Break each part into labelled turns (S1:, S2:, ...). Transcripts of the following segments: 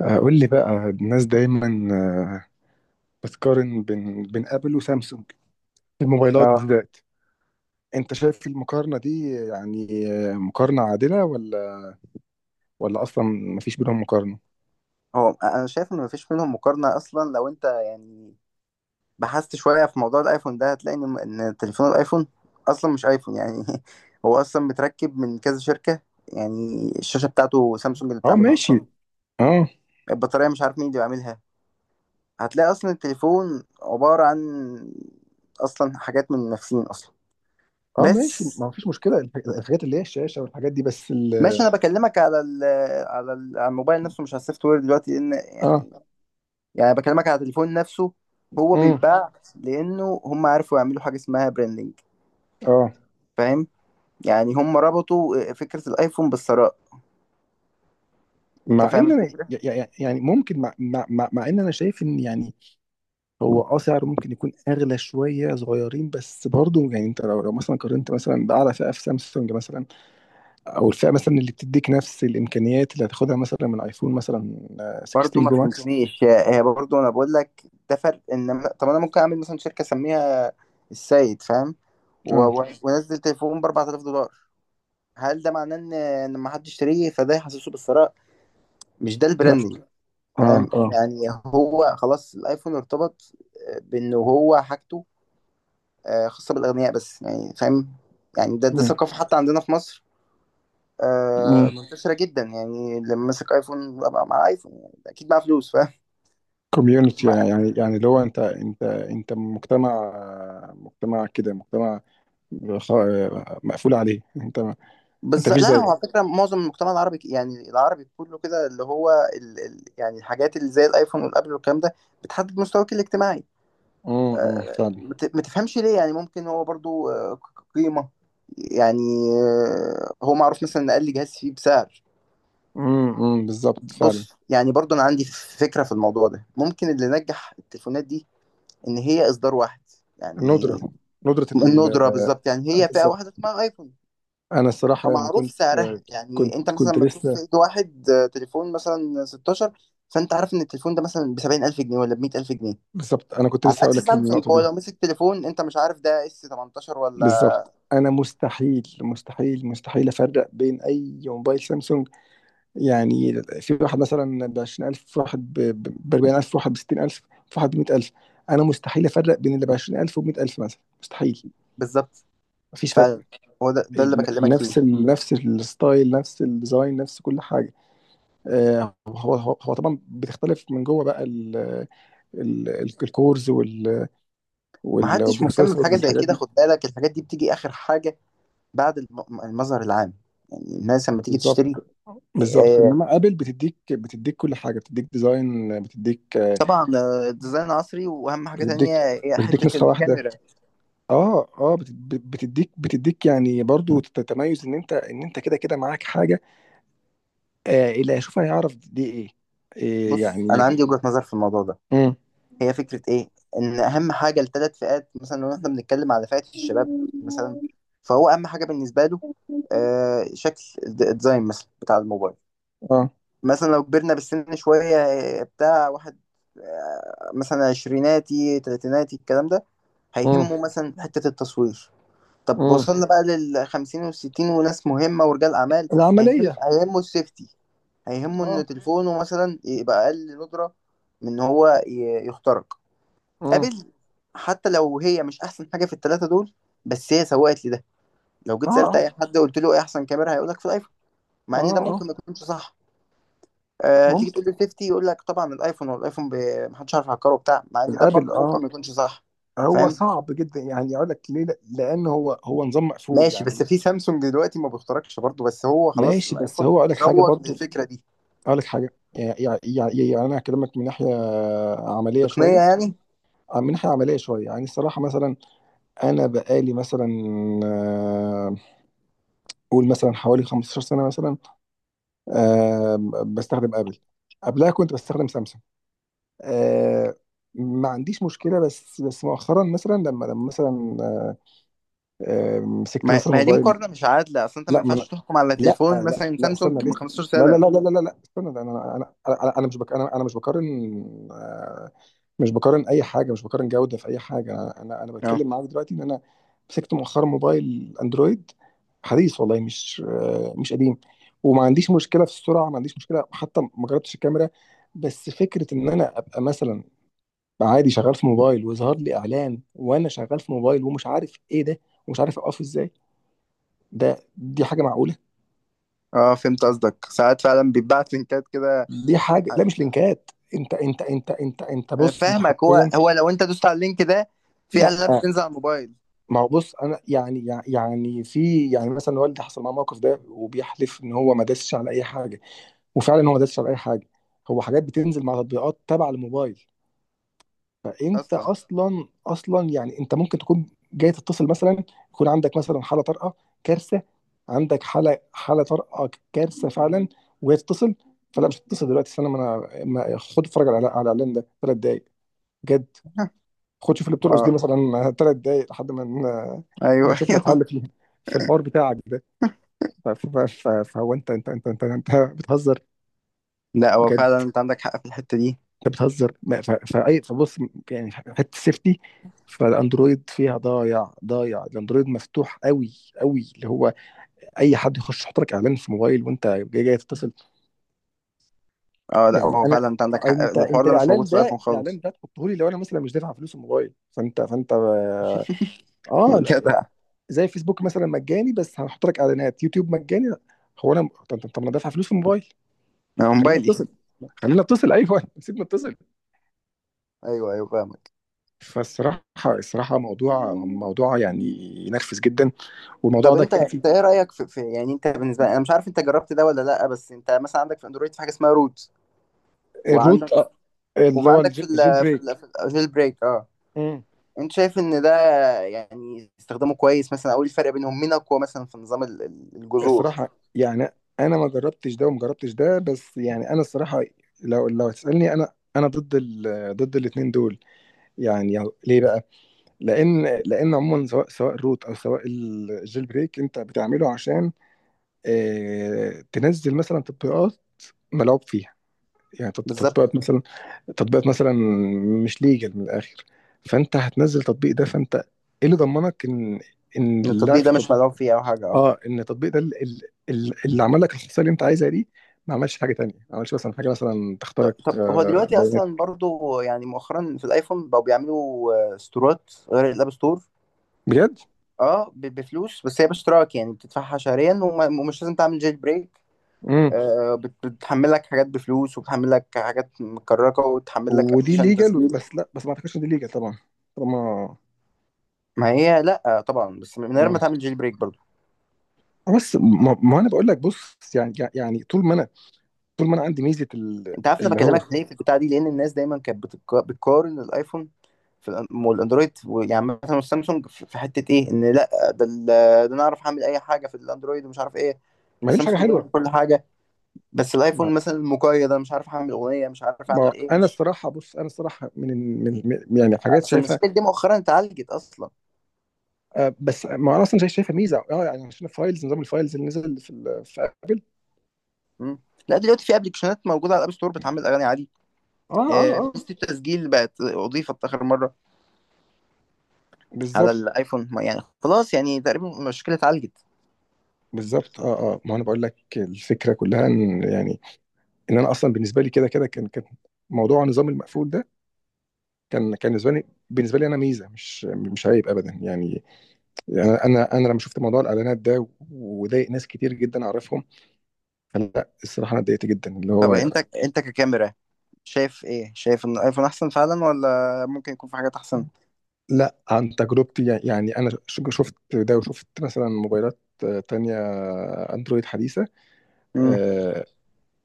S1: قول لي بقى الناس دايما آه، بتقارن بين ابل وسامسونج في الموبايلات
S2: اه،
S1: بالذات. انت شايف المقارنة دي يعني مقارنة عادلة ولا اصلا مفيش بينهم مقارنة؟
S2: هو انا شايف ان مفيش منهم مقارنه اصلا. لو انت يعني بحثت شويه في موضوع الايفون ده، هتلاقي إن تليفون الايفون اصلا مش ايفون يعني. هو اصلا متركب من كذا شركه، يعني الشاشه بتاعته سامسونج اللي
S1: اه،
S2: بتعملها
S1: ماشي.
S2: اصلا.
S1: اه،
S2: البطاريه مش عارف مين اللي بيعملها. هتلاقي اصلا التليفون عباره عن اصلا حاجات من نفسين اصلا
S1: اه، ماشي
S2: بس.
S1: ما فيش مشكلة الحاجات اللي هي الشاشة والحاجات دي بس ال
S2: ماشي، انا بكلمك على الموبايل نفسه، مش على السوفت وير دلوقتي، لان
S1: اه
S2: يعني، يعني بكلمك على التليفون نفسه. هو
S1: امم
S2: بيتباع لانه هم عرفوا يعملوا حاجه اسمها براندنج،
S1: اه.
S2: فاهم؟ يعني هم ربطوا فكره الايفون بالثراء. انت
S1: مع
S2: فاهم
S1: ان انا
S2: الفكره؟
S1: يعني ممكن مع ان انا شايف ان يعني هو سعره ممكن يكون اغلى شوية صغيرين بس برضه يعني انت لو مثلا قارنت مثلا بأعلى فئة في سامسونج مثلا. او الفئه مثلا اللي بتديك نفس الامكانيات اللي هتاخدها مثلا من ايفون مثلا
S2: برضو
S1: 16
S2: ما
S1: برو ماكس.
S2: فهمتنيش. هي برضو انا بقول لك ده فرق. ان طب انا ممكن اعمل مثلا شركه اسميها السيد فاهم، و...
S1: اه،
S2: و... وانزل تليفون ب 4000 دولار. هل ده معناه ان ما حدش يشتريه، فده يحسسه بالثراء؟ مش ده
S1: لا.
S2: البراندنج؟
S1: اه،
S2: فاهم
S1: اه.
S2: يعني. هو خلاص الايفون ارتبط بانه هو حاجته خاصة بالأغنياء بس، يعني فاهم. يعني ده ثقافة، حتى عندنا في مصر منتشرة جدا. يعني لما ماسك أيفون ببقى مع أيفون، يعني أكيد معاه فلوس، فاهم.
S1: كوميونتي
S2: مع-
S1: يعني اللي هو انت مجتمع، مجتمع كده، مجتمع خ- مقفول عليه انت. انت
S2: بس
S1: مفيش
S2: لا، هو
S1: زيه.
S2: على فكرة معظم المجتمع العربي، يعني العربي كله كده، اللي هو ال يعني الحاجات اللي زي الأيفون والأبل والكلام ده بتحدد مستواك الاجتماعي.
S1: فعلا.
S2: ما تفهمش ليه، يعني ممكن هو برضو قيمة. يعني هو معروف مثلا إن أقل جهاز فيه بسعر.
S1: بالظبط، فعلا.
S2: بص، يعني برضو انا عندي فكره في الموضوع ده. ممكن اللي نجح التليفونات دي ان هي اصدار واحد
S1: الندرة،
S2: يعني.
S1: ندرة ال...
S2: الندره بالظبط، يعني هي فئه واحده
S1: بالظبط.
S2: اسمها ايفون.
S1: انا الصراحة يعني
S2: فمعروف
S1: كنت.
S2: سعرها، يعني
S1: كنت
S2: انت مثلا
S1: كنت
S2: لما تشوف في
S1: لسه.
S2: ايد واحد تليفون مثلا 16، فانت عارف ان التليفون ده مثلا ب 70,000 جنيه ولا ب 100,000 جنيه.
S1: بالظبط انا كنت
S2: على
S1: لسه هقول
S2: عكس
S1: لك
S2: سامسونج،
S1: النقطة
S2: هو
S1: دي.
S2: لو مسك تليفون، انت مش عارف ده اس 18 ولا.
S1: بالظبط انا مستحيل مستحيل افرق بين اي موبايل سامسونج. يعني في واحد مثلا ب 20000، في واحد ب 40000، في واحد ب 60000، في واحد ب 100000. انا مستحيل افرق بين اللي ب 20000 وب 100000 مثلا، مستحيل.
S2: بالظبط،
S1: مفيش
S2: ف
S1: فرق.
S2: هو ده اللي بكلمك فيه.
S1: نفس ال نفس الستايل، نفس الديزاين، نفس كل حاجه. هو طبعا بتختلف من جوه بقى ال- الكورز
S2: محدش مهتم
S1: والبروسيسور
S2: بحاجه زي
S1: والحاجات
S2: كده.
S1: دي.
S2: خد بالك، الحاجات دي بتيجي اخر حاجه بعد المظهر العام، يعني الناس لما تيجي تشتري.
S1: بالظبط، بالظبط.
S2: آه،
S1: انما ابل بتديك كل حاجه، بتديك ديزاين،
S2: طبعا، ديزاين عصري. واهم حاجه
S1: بتديك
S2: تانية هي
S1: بتديك
S2: حته
S1: نسخه واحده.
S2: الكاميرا.
S1: اه، اه. بتديك يعني برضو تتميز ان انت كده كده معاك حاجه. اللي هيشوفها هيعرف دي إيه
S2: بص، انا
S1: يعني.
S2: عندي وجهه نظر في الموضوع ده.
S1: امم
S2: هي فكره ايه؟ ان اهم حاجه لثلاث فئات. مثلا لو احنا بنتكلم على فئه الشباب مثلا، فهو اهم حاجه بالنسبه له شكل الديزاين مثلا بتاع الموبايل.
S1: اه.
S2: مثلا لو كبرنا بالسن شويه بتاع واحد، مثلا عشريناتي تلاتيناتي الكلام ده،
S1: امم
S2: هيهمه مثلا حته التصوير. طب
S1: امم
S2: وصلنا بقى للخمسين والستين وناس مهمة ورجال أعمال. هيهم
S1: العمليه.
S2: هيهمه السيفتي. هيهمه إن
S1: اه.
S2: تليفونه مثلا يبقى أقل ندرة من إن هو يخترق
S1: امم
S2: قابل. حتى لو هي مش أحسن حاجة في التلاتة دول، بس هي سوقت لي ده. لو
S1: اه،
S2: جيت سألت
S1: اه،
S2: أي حد قلت له إيه أحسن كاميرا هيقولك في الآيفون،
S1: اه،
S2: مع إن ده
S1: اه،
S2: ممكن ما يكونش صح. أه، تيجي
S1: ممكن.
S2: تقول لي السيفتي يقول لك طبعا الآيفون، والآيفون محدش عارف يهكره وبتاع، مع إن ده
S1: الابل.
S2: برضه
S1: اه
S2: ممكن ما يكونش صح.
S1: هو
S2: فاهم؟
S1: صعب جدا يعني اقول لك ليه. لان هو نظام مقفول
S2: ماشي،
S1: يعني.
S2: بس في سامسونج دلوقتي ما بيخترقش برضه، بس هو خلاص
S1: ماشي، بس
S2: الايفون
S1: هو اقول لك حاجه
S2: روج
S1: برضو.
S2: للفكره دي.
S1: اقول لك حاجه. يعني انا هكلمك من ناحيه عمليه
S2: تقنيه
S1: شويه.
S2: يعني.
S1: من ناحيه عمليه شويه يعني الصراحه مثلا انا بقالي مثلا آه، قول مثلا حوالي 15 سنه مثلا آه، بستخدم ابل. قبلها كنت بستخدم سامسونج. آه، ما عنديش مشكله. بس مؤخرا مثلا لما مثلا مسكت
S2: ما
S1: مثلا
S2: ما هي دي
S1: موبايل.
S2: مقارنه مش عادله اصلا. انت ما ينفعش
S1: لا،
S2: تحكم على
S1: لا،
S2: تليفون
S1: لا،
S2: مثلا
S1: لا،
S2: سامسونج
S1: استنى
S2: من
S1: لسه.
S2: 15
S1: لا، لا،
S2: سنه.
S1: لا، لا، لا، لا، استنى ده. انا مش بك، انا مش بقارن. مش بقارن اي حاجه، مش بقارن جوده في اي حاجه. انا أنا
S2: اه
S1: بتكلم معاك دلوقتي ان انا مسكت مؤخرا موبايل اندرويد حديث، والله مش مش قديم. وما عنديش مشكله في السرعه، ما عنديش مشكله، حتى ما جربتش الكاميرا. بس فكره ان انا ابقى مثلا عادي شغال في موبايل ويظهر لي اعلان وانا شغال في موبايل ومش عارف ايه ده ومش عارف اوقفه ازاي. دي حاجه معقوله؟
S2: اه، فهمت قصدك. ساعات فعلا بيتبعت لينكات كده.
S1: دي حاجه، لا مش لينكات. انت انت
S2: انا
S1: بص، انت
S2: فاهمك. هو
S1: حرفيا.
S2: هو لو انت دوست على اللينك ده، في
S1: لا،
S2: العاب بتنزل على الموبايل
S1: ما هو بص انا يعني يعني في يعني مثلا والدي حصل معاه موقف ده وبيحلف ان هو ما داسش على اي حاجه. وفعلا هو ما داسش على اي حاجه. هو حاجات بتنزل مع تطبيقات تبع الموبايل. فانت
S2: اصلا.
S1: اصلا يعني انت ممكن تكون جاي تتصل مثلا، يكون عندك مثلا حاله طارئه، كارثه. عندك حاله طارئه، كارثه فعلا، وهي تتصل. فلا، مش هتتصل دلوقتي، استنى ما انا خد اتفرج على الاعلان ده 3 دقايق. جد، خد شوف اللي بترقص دي
S2: اه
S1: مثلا 3 دقايق لحد ما
S2: ايوه
S1: نشوف لك حل
S2: ايوه.
S1: في الحوار بتاعك ده. فهو انت بتهزر.
S2: لا، هو
S1: بجد،
S2: فعلا انت عندك حق في الحته دي.
S1: انت بتهزر. ما- ف- فاي فبص. يعني حته السيفتي فالاندرويد فيها ضايع، ضايع. الاندرويد مفتوح قوي قوي، اللي هو اي حد يخش يحط لك اعلان في موبايل وانت جاي جاي تتصل.
S2: اه لا،
S1: يعني
S2: هو
S1: انا
S2: فعلا انت عندك حق.
S1: انت
S2: الحوار ده مش موجود
S1: الاعلان
S2: في
S1: ده
S2: الايفون خالص.
S1: تحطه لي لو انا مثلا مش دافع فلوس الموبايل. فانت. اه، لا.
S2: جدع.
S1: زي فيسبوك مثلا مجاني بس هنحط لك اعلانات، يوتيوب مجاني. هو انا، طب انا دافع فلوس في الموبايل.
S2: أنا
S1: خلينا
S2: موبايلي.
S1: اتصل، خلينا اتصل، ايوه سيبنا اتصل.
S2: ايوه ايوه فاهم.
S1: فالصراحه، موضوع، يعني ينرفز جدا. والموضوع
S2: طب
S1: ده
S2: انت
S1: كان في.
S2: انت ايه رايك في يعني. انت بالنسبه لي، انا مش عارف انت جربت ده ولا لا، بس انت مثلا عندك في اندرويد في حاجه اسمها روت،
S1: الروت،
S2: وعندك وفي
S1: اللي هو
S2: عندك في
S1: الجيل
S2: ال في ال
S1: بريك.
S2: في الجيل بريك اه.
S1: مم.
S2: انت شايف ان ده يعني استخدامه كويس مثلا؟ او ايه الفرق بينهم، مين اقوى مثلا في نظام الجذور؟
S1: الصراحه يعني انا ما جربتش ده وما جربتش ده، بس يعني انا الصراحه لو هتسالني، انا ضد ال... ضد الاثنين دول. يعني ليه بقى؟ لان عموما سواء الروت او سواء الجيل بريك انت بتعمله عشان تنزل مثلا تطبيقات ملعوب فيها. يعني تطبيقات
S2: بالظبط،
S1: مثلا، تطبيقات مثلا مش ليجل من الاخر. فانت هتنزل تطبيق ده، فانت ايه اللي ضمنك ان
S2: ان
S1: اللاعب
S2: التطبيق
S1: في
S2: ده
S1: تط...
S2: مش مدعوم فيه او حاجه اه.
S1: اه، ان التطبيق ده اللي عمل لك الخصائص اللي انت عايزها دي ما عملش حاجه تانية، ما عملش مثلا حاجه مثلا تخترق
S2: طب هو دلوقتي اصلا
S1: بيانات.
S2: برضو يعني مؤخرا في الايفون بقوا بيعملوا ستورات غير الاب ستور.
S1: بجد.
S2: اه، بفلوس، بس هي باشتراك يعني بتدفعها شهريا، ومش لازم تعمل جيل بريك.
S1: امم
S2: بتحمل لك حاجات بفلوس، وبتحمل لك حاجات مكركه، وبتحمل لك
S1: ودي
S2: ابلكيشن
S1: ليجل.
S2: تسجيل.
S1: بس لا، بس ما اعتقدش ان دي ليجل طبعا طالما.
S2: ما هي لا، طبعا، بس من غير ما
S1: آه.
S2: تعمل جيل بريك برضو.
S1: بس ما انا بقول لك بص. يعني طول ما انا، طول ما انا عندي ميزه
S2: انت عارف انا
S1: اللي هو.
S2: بكلمك ليه في البتاع دي؟ لان الناس دايما كانت بتقارن الايفون في والاندرويد. يعني مثلا السامسونج في حته ايه، ان لا ده ده انا اعرف اعمل اي حاجه في الاندرويد ومش عارف ايه.
S1: ما لهمش حاجه
S2: السامسونج
S1: حلوه.
S2: بيعمل كل حاجه، بس
S1: ما,
S2: الايفون مثلا مقيد، انا مش عارف اعمل اغنيه، مش عارف اعمل
S1: ما
S2: ايه،
S1: انا
S2: مش.
S1: الصراحه بص. انا الصراحه من، من يعني حاجات
S2: اصل
S1: شايفها.
S2: المشكله دي مؤخرا اتعالجت اصلا.
S1: بس ما انا اصلا شايفها ميزه اه، يعني عشان الفايلز، نظام الفايلز اللي نزل في ابل.
S2: مم. لا دلوقتي في ابلكيشنات موجوده على الاب ستور بتعمل اغاني عادي.
S1: اه، اه، اه.
S2: ميزه التسجيل بقت اضيفت اخر مره على
S1: بالظبط،
S2: الايفون. يعني خلاص، يعني تقريبا المشكله اتعالجت.
S1: بالظبط. اه، اه. ما انا بقول لك الفكره كلها ان يعني ان انا اصلا بالنسبه لي كده كده كان. موضوع النظام المقفول ده كان. بالنسبه لي، انا ميزه، مش عيب ابدا يعني. يعني انا لما شفت موضوع الاعلانات ده وضايق ناس كتير جدا اعرفهم، فلا الصراحه انا اتضايقت جدا، اللي هو
S2: طب
S1: يعني.
S2: انت انت ككاميرا شايف ايه؟ شايف ان الايفون احسن فعلا، ولا ممكن يكون في حاجات احسن؟
S1: لا، عن تجربتي يعني انا شفت ده وشفت مثلا موبايلات تانية اندرويد حديثه.
S2: مم.
S1: آه،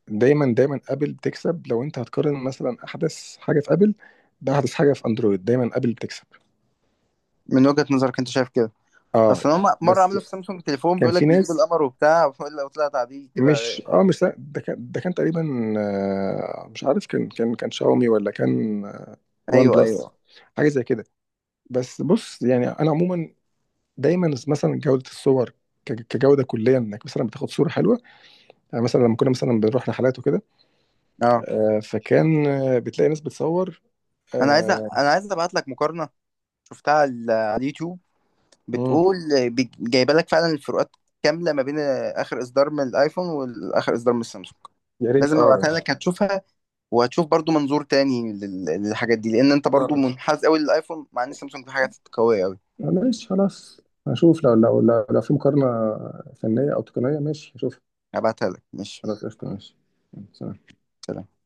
S1: دايما دايما ابل بتكسب. لو انت هتقارن مثلا احدث حاجه في ابل باحدث حاجه في اندرويد، دايما ابل بتكسب.
S2: من وجهه نظرك انت شايف كده.
S1: اه.
S2: اصل هم مره
S1: بس
S2: عملوا في سامسونج تليفون
S1: كان
S2: بيقول لك
S1: في
S2: بيجيب
S1: ناس
S2: القمر وبتاع، ولا طلع تعديل كده.
S1: مش، مش ده كان، تقريبا مش عارف كان. كان شاومي ولا كان وان
S2: ايوه
S1: بلس،
S2: ايوه
S1: حاجة زي كده. بس بص يعني أنا عموما دايما مثلا جودة الصور، كجودة كلية انك مثلا بتاخد صورة حلوة. يعني مثلا لما كنا مثلا بنروح رحلات وكده،
S2: اه.
S1: فكان بتلاقي ناس بتصور.
S2: انا
S1: آه،
S2: عايز ابعت لك مقارنه شفتها على على اليوتيوب
S1: مم.
S2: بتقول جايبه لك فعلا الفروقات كامله ما بين اخر اصدار من الايفون واخر اصدار من السامسونج.
S1: يا ريت،
S2: لازم
S1: اه.
S2: ابعتها لك، هتشوفها وهتشوف برضو منظور تاني للحاجات دي، لان انت
S1: يعني
S2: برضو منحاز قوي للايفون، مع ان سامسونج في حاجات قوية قوي.
S1: ماشي خلاص، هشوف لو في مقارنة فنية أو تقنية. ماشي، هشوف.
S2: هبعتها لك ماشي،
S1: خلاص، قشطة، ماشي. سلام.
S2: سلام.